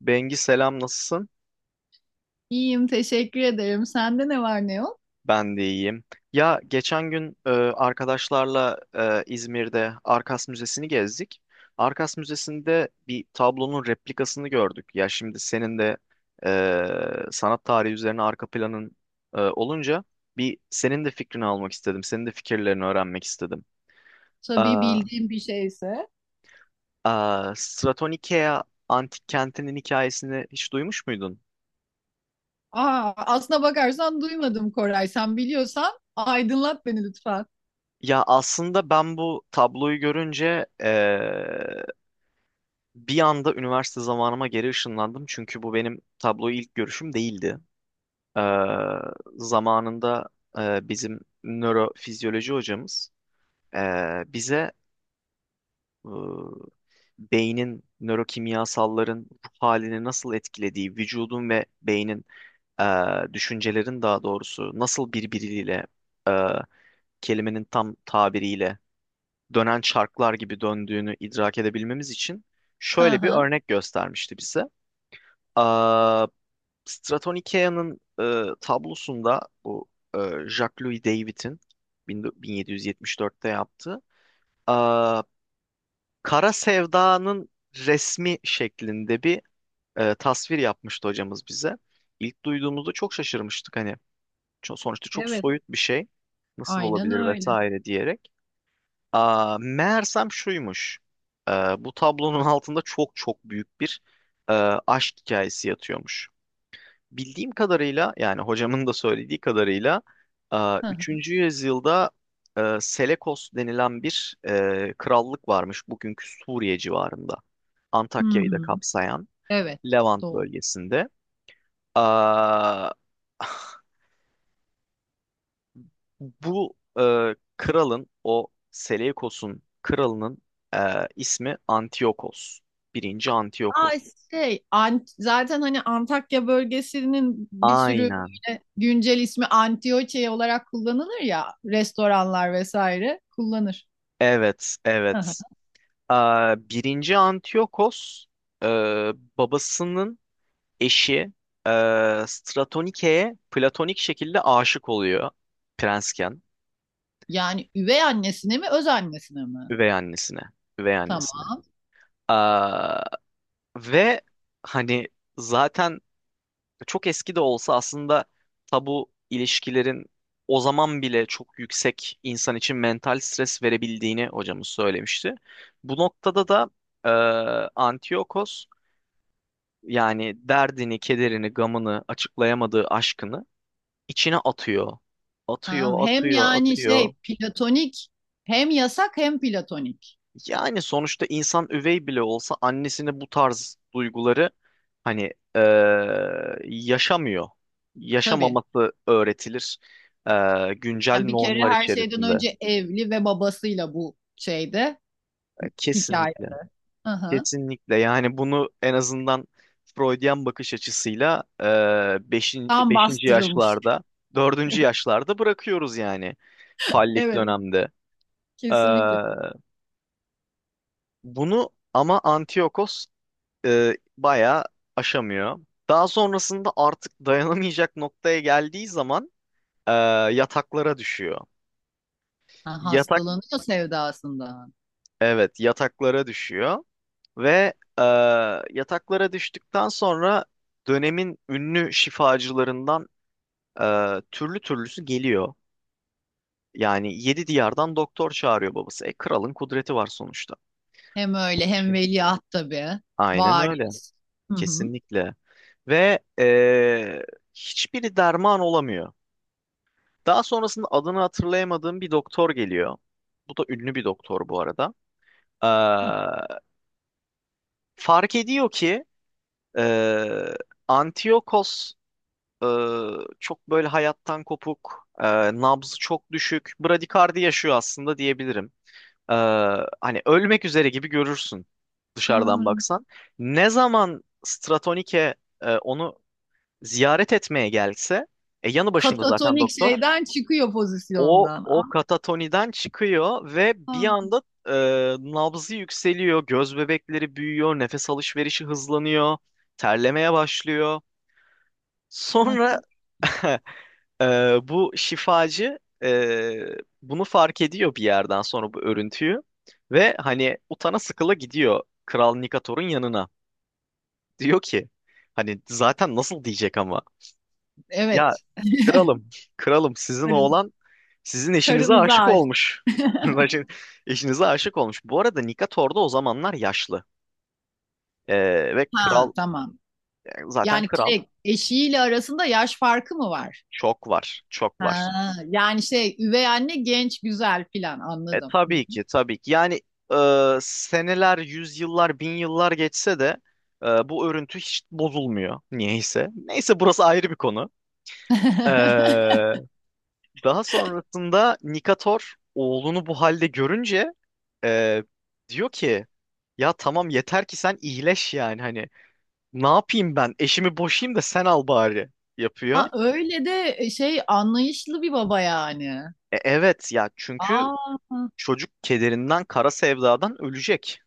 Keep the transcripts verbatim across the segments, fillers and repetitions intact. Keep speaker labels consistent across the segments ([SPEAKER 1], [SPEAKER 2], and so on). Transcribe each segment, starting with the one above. [SPEAKER 1] Bengi, selam, nasılsın?
[SPEAKER 2] İyiyim, teşekkür ederim. Sende ne var ne yok?
[SPEAKER 1] Ben de iyiyim. Ya geçen gün e, arkadaşlarla e, İzmir'de Arkas Müzesi'ni gezdik. Arkas Müzesi'nde bir tablonun replikasını gördük. Ya şimdi senin de e, sanat tarihi üzerine arka planın e, olunca bir senin de fikrini almak istedim. Senin de fikirlerini öğrenmek istedim.
[SPEAKER 2] Tabii
[SPEAKER 1] Aa,
[SPEAKER 2] bildiğim bir şeyse.
[SPEAKER 1] aa, Stratonikea antik kentinin hikayesini hiç duymuş muydun?
[SPEAKER 2] Aa, aslına bakarsan duymadım Koray. Sen biliyorsan aydınlat beni lütfen.
[SPEAKER 1] Ya aslında ben bu tabloyu görünce bir anda üniversite zamanıma geri ışınlandım, çünkü bu benim tabloyu ilk görüşüm değildi. Ee, zamanında e, bizim nörofizyoloji hocamız e, bize e, beynin, nörokimyasalların ruh halini nasıl etkilediği, vücudun ve beynin, e, düşüncelerin, daha doğrusu, nasıl birbiriyle, e, kelimenin tam tabiriyle, dönen çarklar gibi döndüğünü idrak edebilmemiz için
[SPEAKER 2] Hı
[SPEAKER 1] şöyle bir
[SPEAKER 2] hı.
[SPEAKER 1] örnek göstermişti bize. Stratonica'nın e, tablosunda bu e, Jacques-Louis David'in bin- 1774'te yaptığı e, Kara Sevda'nın resmi şeklinde bir e, tasvir yapmıştı hocamız bize. İlk duyduğumuzda çok şaşırmıştık, hani ço- sonuçta çok
[SPEAKER 2] Evet,
[SPEAKER 1] soyut bir şey nasıl
[SPEAKER 2] aynen
[SPEAKER 1] olabilir
[SPEAKER 2] öyle.
[SPEAKER 1] vesaire diyerek. Aa, meğersem şuymuş. E, bu tablonun altında çok çok büyük bir e, aşk hikayesi yatıyormuş. Bildiğim kadarıyla, yani hocamın da söylediği kadarıyla, e,
[SPEAKER 2] Hı hı.
[SPEAKER 1] üçüncü yüzyılda e, Selekos denilen bir e, krallık varmış bugünkü Suriye civarında.
[SPEAKER 2] Hı
[SPEAKER 1] Antakya'yı da
[SPEAKER 2] hı.
[SPEAKER 1] kapsayan
[SPEAKER 2] Evet,
[SPEAKER 1] Levant
[SPEAKER 2] doğru.
[SPEAKER 1] bölgesinde. Aa, bu e, kralın, o Seleukos'un kralının, e, ismi Antiochos. Birinci
[SPEAKER 2] Aa
[SPEAKER 1] Antiochos.
[SPEAKER 2] şey, Ant zaten hani Antakya bölgesinin bir sürü
[SPEAKER 1] Aynen.
[SPEAKER 2] böyle güncel ismi Antioçya olarak kullanılır ya, restoranlar vesaire kullanır.
[SPEAKER 1] Evet,
[SPEAKER 2] Hı hı.
[SPEAKER 1] evet. Aa, birinci Antiyokos e, babasının eşi e, Stratonike'ye platonik şekilde aşık oluyor, prensken,
[SPEAKER 2] Yani üvey annesine mi, öz annesine mi?
[SPEAKER 1] üvey annesine. Üvey annesine.
[SPEAKER 2] Tamam.
[SPEAKER 1] Aa, ve hani zaten, çok eski de olsa, aslında tabu ilişkilerin o zaman bile çok yüksek, insan için mental stres verebildiğini hocamız söylemişti. Bu noktada da e, Antiyokos, yani derdini, kederini, gamını, açıklayamadığı aşkını içine atıyor.
[SPEAKER 2] Tamam.
[SPEAKER 1] Atıyor,
[SPEAKER 2] Hem
[SPEAKER 1] atıyor,
[SPEAKER 2] yani şey
[SPEAKER 1] atıyor.
[SPEAKER 2] platonik, hem yasak, hem platonik.
[SPEAKER 1] Yani sonuçta insan üvey bile olsa annesine bu tarz duyguları hani eee, yaşamıyor.
[SPEAKER 2] Tabii.
[SPEAKER 1] Yaşamaması öğretilir eee, güncel
[SPEAKER 2] Yani bir kere
[SPEAKER 1] normlar
[SPEAKER 2] her şeyden
[SPEAKER 1] içerisinde.
[SPEAKER 2] önce evli ve babasıyla bu şeyde
[SPEAKER 1] E,
[SPEAKER 2] hikaye.
[SPEAKER 1] Kesinlikle,
[SPEAKER 2] Hı hı.
[SPEAKER 1] kesinlikle. Yani bunu en azından Freudian bakış açısıyla eee beşin,
[SPEAKER 2] Tam
[SPEAKER 1] beşinci
[SPEAKER 2] bastırılmış.
[SPEAKER 1] yaşlarda, dördüncü yaşlarda bırakıyoruz yani. Fallik
[SPEAKER 2] Evet,
[SPEAKER 1] dönemde. Ee,
[SPEAKER 2] kesinlikle.
[SPEAKER 1] bunu ama Antiochos e, bayağı aşamıyor. Daha sonrasında artık dayanamayacak noktaya geldiği zaman e, yataklara düşüyor.
[SPEAKER 2] Ha,
[SPEAKER 1] Yatak,
[SPEAKER 2] hastalanıyor sevdasından.
[SPEAKER 1] evet yataklara düşüyor ve e, yataklara düştükten sonra dönemin ünlü şifacılarından e, türlü türlüsü geliyor. Yani yedi diyardan doktor çağırıyor babası. E, kralın kudreti var sonuçta.
[SPEAKER 2] Hem öyle hem veliaht tabii.
[SPEAKER 1] Aynen öyle.
[SPEAKER 2] Varis. Hı hı.
[SPEAKER 1] Kesinlikle. Ve eee, hiçbiri derman olamıyor. Daha sonrasında adını hatırlayamadığım bir doktor geliyor. Bu da ünlü bir doktor bu arada. Eee, fark ediyor ki eee Antiochos eee, çok böyle hayattan kopuk, eee, nabzı çok düşük, bradikardi yaşıyor aslında diyebilirim. Eee, hani ölmek üzere gibi görürsün
[SPEAKER 2] Ha,
[SPEAKER 1] dışarıdan baksan. Ne zaman Stratonike e, onu ziyaret etmeye gelse e, yanı başında zaten
[SPEAKER 2] katatonik
[SPEAKER 1] doktor,
[SPEAKER 2] şeyden çıkıyor
[SPEAKER 1] o
[SPEAKER 2] pozisyondan.
[SPEAKER 1] o katatoniden çıkıyor ve bir
[SPEAKER 2] Aa,
[SPEAKER 1] anda e, nabzı yükseliyor, göz bebekleri büyüyor, nefes alışverişi hızlanıyor, terlemeye başlıyor,
[SPEAKER 2] ha,
[SPEAKER 1] sonra
[SPEAKER 2] çok
[SPEAKER 1] e, bu şifacı e, bunu fark ediyor bir yerden sonra, bu örüntüyü, ve hani utana sıkıla gidiyor Kral Nikator'un yanına, diyor ki, hani zaten nasıl diyecek ama, ya
[SPEAKER 2] evet.
[SPEAKER 1] kralım, kralım, sizin
[SPEAKER 2] Karın,
[SPEAKER 1] oğlan sizin eşinize
[SPEAKER 2] karınıza
[SPEAKER 1] aşık
[SPEAKER 2] aşık.
[SPEAKER 1] olmuş. Eşinize aşık olmuş. Bu arada Nikator'da o zamanlar yaşlı. Ee, ve
[SPEAKER 2] Ha,
[SPEAKER 1] kral,
[SPEAKER 2] tamam.
[SPEAKER 1] yani zaten
[SPEAKER 2] Yani
[SPEAKER 1] kral,
[SPEAKER 2] şey, eşiyle arasında yaş farkı mı var?
[SPEAKER 1] çok var, çok var.
[SPEAKER 2] Ha, yani şey üvey anne genç güzel filan
[SPEAKER 1] E
[SPEAKER 2] anladım.
[SPEAKER 1] tabii ki, tabii ki. Yani e, seneler, yüzyıllar, bin yıllar geçse de e, bu örüntü hiç bozulmuyor niyeyse. Neyse, burası ayrı bir konu. Ee, daha sonrasında Nikator oğlunu bu halde görünce e, diyor ki, ya tamam, yeter ki sen iyileş, yani hani ne yapayım, ben eşimi boşayım da sen al bari, yapıyor.
[SPEAKER 2] Ha öyle de e, şey anlayışlı bir baba yani.
[SPEAKER 1] E, evet ya, çünkü
[SPEAKER 2] Aa,
[SPEAKER 1] çocuk kederinden, kara sevdadan ölecek.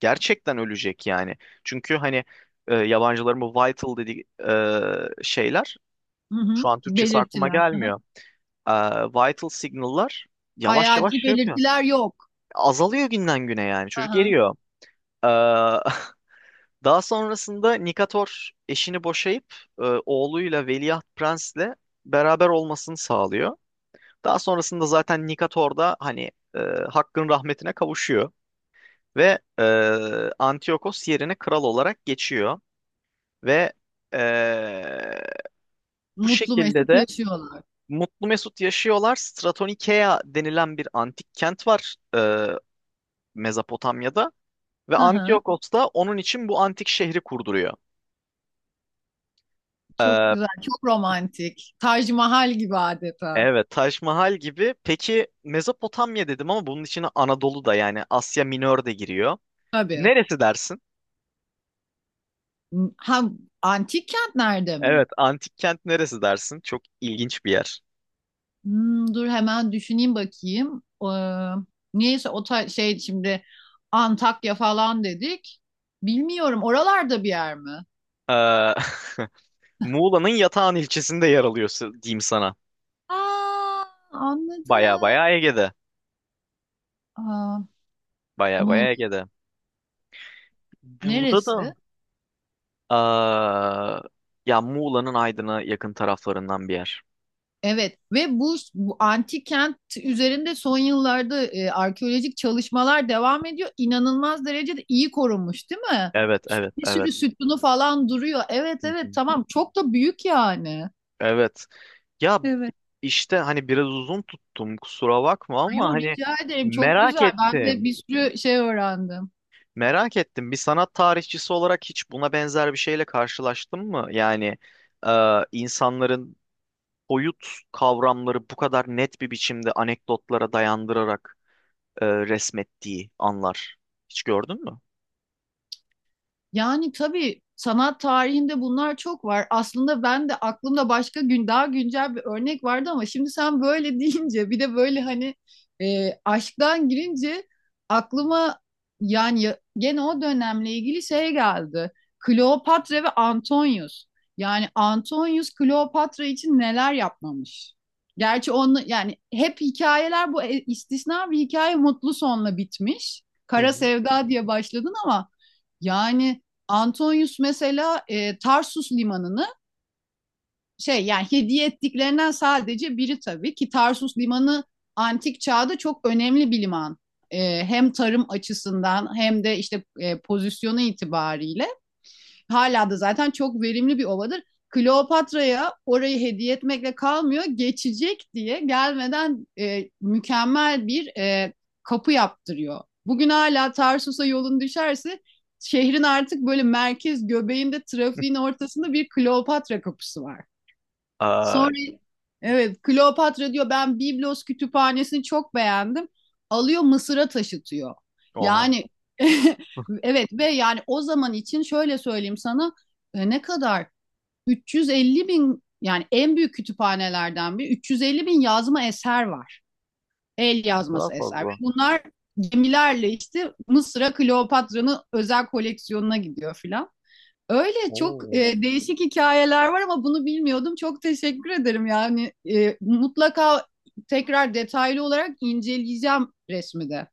[SPEAKER 1] Gerçekten ölecek yani. Çünkü hani e, yabancıların bu vital dediği e, şeyler,
[SPEAKER 2] hı
[SPEAKER 1] şu
[SPEAKER 2] hı,
[SPEAKER 1] an Türkçesi aklıma
[SPEAKER 2] belirtiler. Hı hı.
[SPEAKER 1] gelmiyor. E, vital signal'lar yavaş yavaş
[SPEAKER 2] Hayati
[SPEAKER 1] şey yapıyor.
[SPEAKER 2] belirtiler yok.
[SPEAKER 1] Azalıyor günden güne, yani
[SPEAKER 2] Hı
[SPEAKER 1] çocuk
[SPEAKER 2] hı.
[SPEAKER 1] eriyor. E, Daha sonrasında Nikator eşini boşayıp e, oğluyla, Veliaht Prens'le, beraber olmasını sağlıyor. Daha sonrasında zaten Nikator da hani e, Hakk'ın rahmetine kavuşuyor ve e, Antiochos yerine kral olarak geçiyor ve e, bu
[SPEAKER 2] Mutlu
[SPEAKER 1] şekilde
[SPEAKER 2] mesut
[SPEAKER 1] de
[SPEAKER 2] yaşıyorlar.
[SPEAKER 1] mutlu mesut yaşıyorlar. Stratonikea denilen bir antik kent var e, Mezopotamya'da, ve
[SPEAKER 2] Hı hı.
[SPEAKER 1] Antiochos da onun için bu antik şehri kurduruyor.
[SPEAKER 2] Çok
[SPEAKER 1] E,
[SPEAKER 2] güzel, çok romantik. Taj Mahal gibi adeta.
[SPEAKER 1] Evet, Taş Mahal gibi. Peki Mezopotamya dedim ama bunun içine Anadolu da, yani Asya Minör de, giriyor.
[SPEAKER 2] Tabii.
[SPEAKER 1] Neresi dersin?
[SPEAKER 2] Ha, antik kent nerede mi?
[SPEAKER 1] Evet, antik kent neresi dersin? Çok ilginç bir yer.
[SPEAKER 2] Hmm, dur hemen düşüneyim bakayım. Ee, niyeyse o ta- şey şimdi Antakya falan dedik. Bilmiyorum oralarda bir yer mi?
[SPEAKER 1] Ee, Muğla'nın Yatağan ilçesinde yer alıyor, s- diyeyim sana.
[SPEAKER 2] Aa,
[SPEAKER 1] Baya
[SPEAKER 2] anladım.
[SPEAKER 1] baya Ege'de.
[SPEAKER 2] Aa,
[SPEAKER 1] Baya
[SPEAKER 2] Muğla
[SPEAKER 1] baya Ege'de. Burada
[SPEAKER 2] neresi?
[SPEAKER 1] da, aa, ya Muğla'nın Aydın'a yakın taraflarından bir yer.
[SPEAKER 2] Evet ve bu, bu antik kent üzerinde son yıllarda e, arkeolojik çalışmalar devam ediyor. İnanılmaz derecede iyi korunmuş, değil mi?
[SPEAKER 1] Evet, evet,
[SPEAKER 2] Bir
[SPEAKER 1] evet.
[SPEAKER 2] sürü sütunu falan duruyor. Evet, evet, tamam, çok da büyük yani.
[SPEAKER 1] Evet. Ya işte, hani biraz uzun tuttum, kusura bakma, ama
[SPEAKER 2] Yo
[SPEAKER 1] hani
[SPEAKER 2] rica ederim. Çok
[SPEAKER 1] merak
[SPEAKER 2] güzel. Ben de
[SPEAKER 1] ettim.
[SPEAKER 2] bir sürü şey öğrendim.
[SPEAKER 1] Merak ettim. Bir sanat tarihçisi olarak hiç buna benzer bir şeyle karşılaştın mı? Yani e, insanların boyut kavramları bu kadar net bir biçimde, anekdotlara dayandırarak, e, resmettiği anlar. Hiç gördün mü?
[SPEAKER 2] Yani tabii sanat tarihinde bunlar çok var. Aslında ben de aklımda başka gün daha güncel bir örnek vardı ama şimdi sen böyle deyince bir de böyle hani e, aşktan girince aklıma yani ya- gene o dönemle ilgili şey geldi. Kleopatra ve Antonius. Yani Antonius Kleopatra için neler yapmamış. Gerçi onu yani hep hikayeler, bu e, istisna bir hikaye, mutlu sonla bitmiş.
[SPEAKER 1] Hı
[SPEAKER 2] Kara
[SPEAKER 1] hı.
[SPEAKER 2] Sevda diye başladın ama yani Antonius mesela e, Tarsus limanını şey yani hediye ettiklerinden sadece biri, tabii ki Tarsus limanı antik çağda çok önemli bir liman. E, hem tarım açısından hem de işte e, pozisyonu itibariyle. Hala da zaten çok verimli bir ovadır. Kleopatra'ya orayı hediye etmekle kalmıyor. Geçecek diye gelmeden e, mükemmel bir e, kapı yaptırıyor. Bugün hala Tarsus'a yolun düşerse şehrin artık böyle merkez göbeğinde, trafiğin ortasında bir Kleopatra kapısı var.
[SPEAKER 1] Aa,
[SPEAKER 2] Sonra, evet, Kleopatra diyor ben Biblos kütüphanesini çok beğendim. Alıyor Mısır'a taşıtıyor.
[SPEAKER 1] oha,
[SPEAKER 2] Yani evet, ve yani o zaman için şöyle söyleyeyim sana, e, ne kadar üç yüz elli bin, yani en büyük kütüphanelerden bir, üç yüz elli bin yazma eser var. El
[SPEAKER 1] ne kadar
[SPEAKER 2] yazması eser. Ve
[SPEAKER 1] fazla.
[SPEAKER 2] bunlar gemilerle işte Mısır'a Kleopatra'nın özel koleksiyonuna gidiyor filan. Öyle çok
[SPEAKER 1] Oo.
[SPEAKER 2] e, değişik hikayeler var ama bunu bilmiyordum. Çok teşekkür ederim. Yani e, mutlaka tekrar detaylı olarak inceleyeceğim resmi de.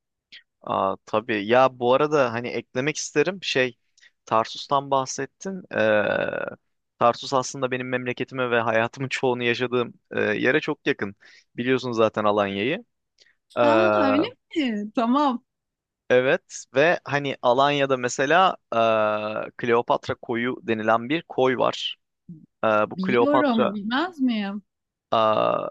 [SPEAKER 1] Aa, tabii ya, bu arada hani eklemek isterim, şey, Tarsus'tan bahsettin. Ee, Tarsus aslında benim memleketime ve hayatımın çoğunu yaşadığım e, yere çok yakın. Biliyorsun zaten Alanya'yı. Ee,
[SPEAKER 2] Ha öyle mi? Tamam.
[SPEAKER 1] evet ve hani Alanya'da mesela e, Kleopatra Koyu denilen bir koy var. Ee, bu
[SPEAKER 2] Biliyorum,
[SPEAKER 1] Kleopatra,
[SPEAKER 2] bilmez miyim?
[SPEAKER 1] aa,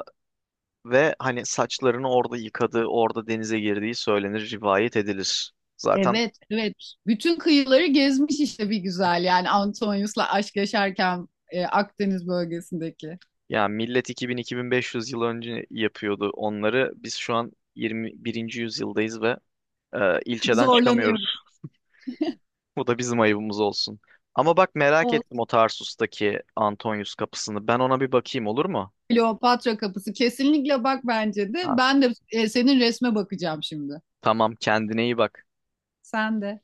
[SPEAKER 1] ve hani saçlarını orada yıkadığı, orada denize girdiği söylenir, rivayet edilir. Zaten
[SPEAKER 2] Evet, evet. Bütün kıyıları gezmiş işte bir güzel, yani Antonius'la aşk yaşarken e, Akdeniz bölgesindeki.
[SPEAKER 1] ya, millet iki bin-iki bin beş yüz yıl önce yapıyordu onları. Biz şu an yirmi birinci yüzyıldayız ve e, ilçeden çıkamıyoruz.
[SPEAKER 2] Zorlanıyoruz.
[SPEAKER 1] Bu da bizim ayıbımız olsun. Ama bak, merak ettim
[SPEAKER 2] Olsun.
[SPEAKER 1] o Tarsus'taki Antonius kapısını. Ben ona bir bakayım, olur mu?
[SPEAKER 2] Kleopatra kapısı kesinlikle bak, bence de.
[SPEAKER 1] Ha,
[SPEAKER 2] Ben de e, senin resme bakacağım şimdi.
[SPEAKER 1] tamam, kendine iyi bak.
[SPEAKER 2] Sen de.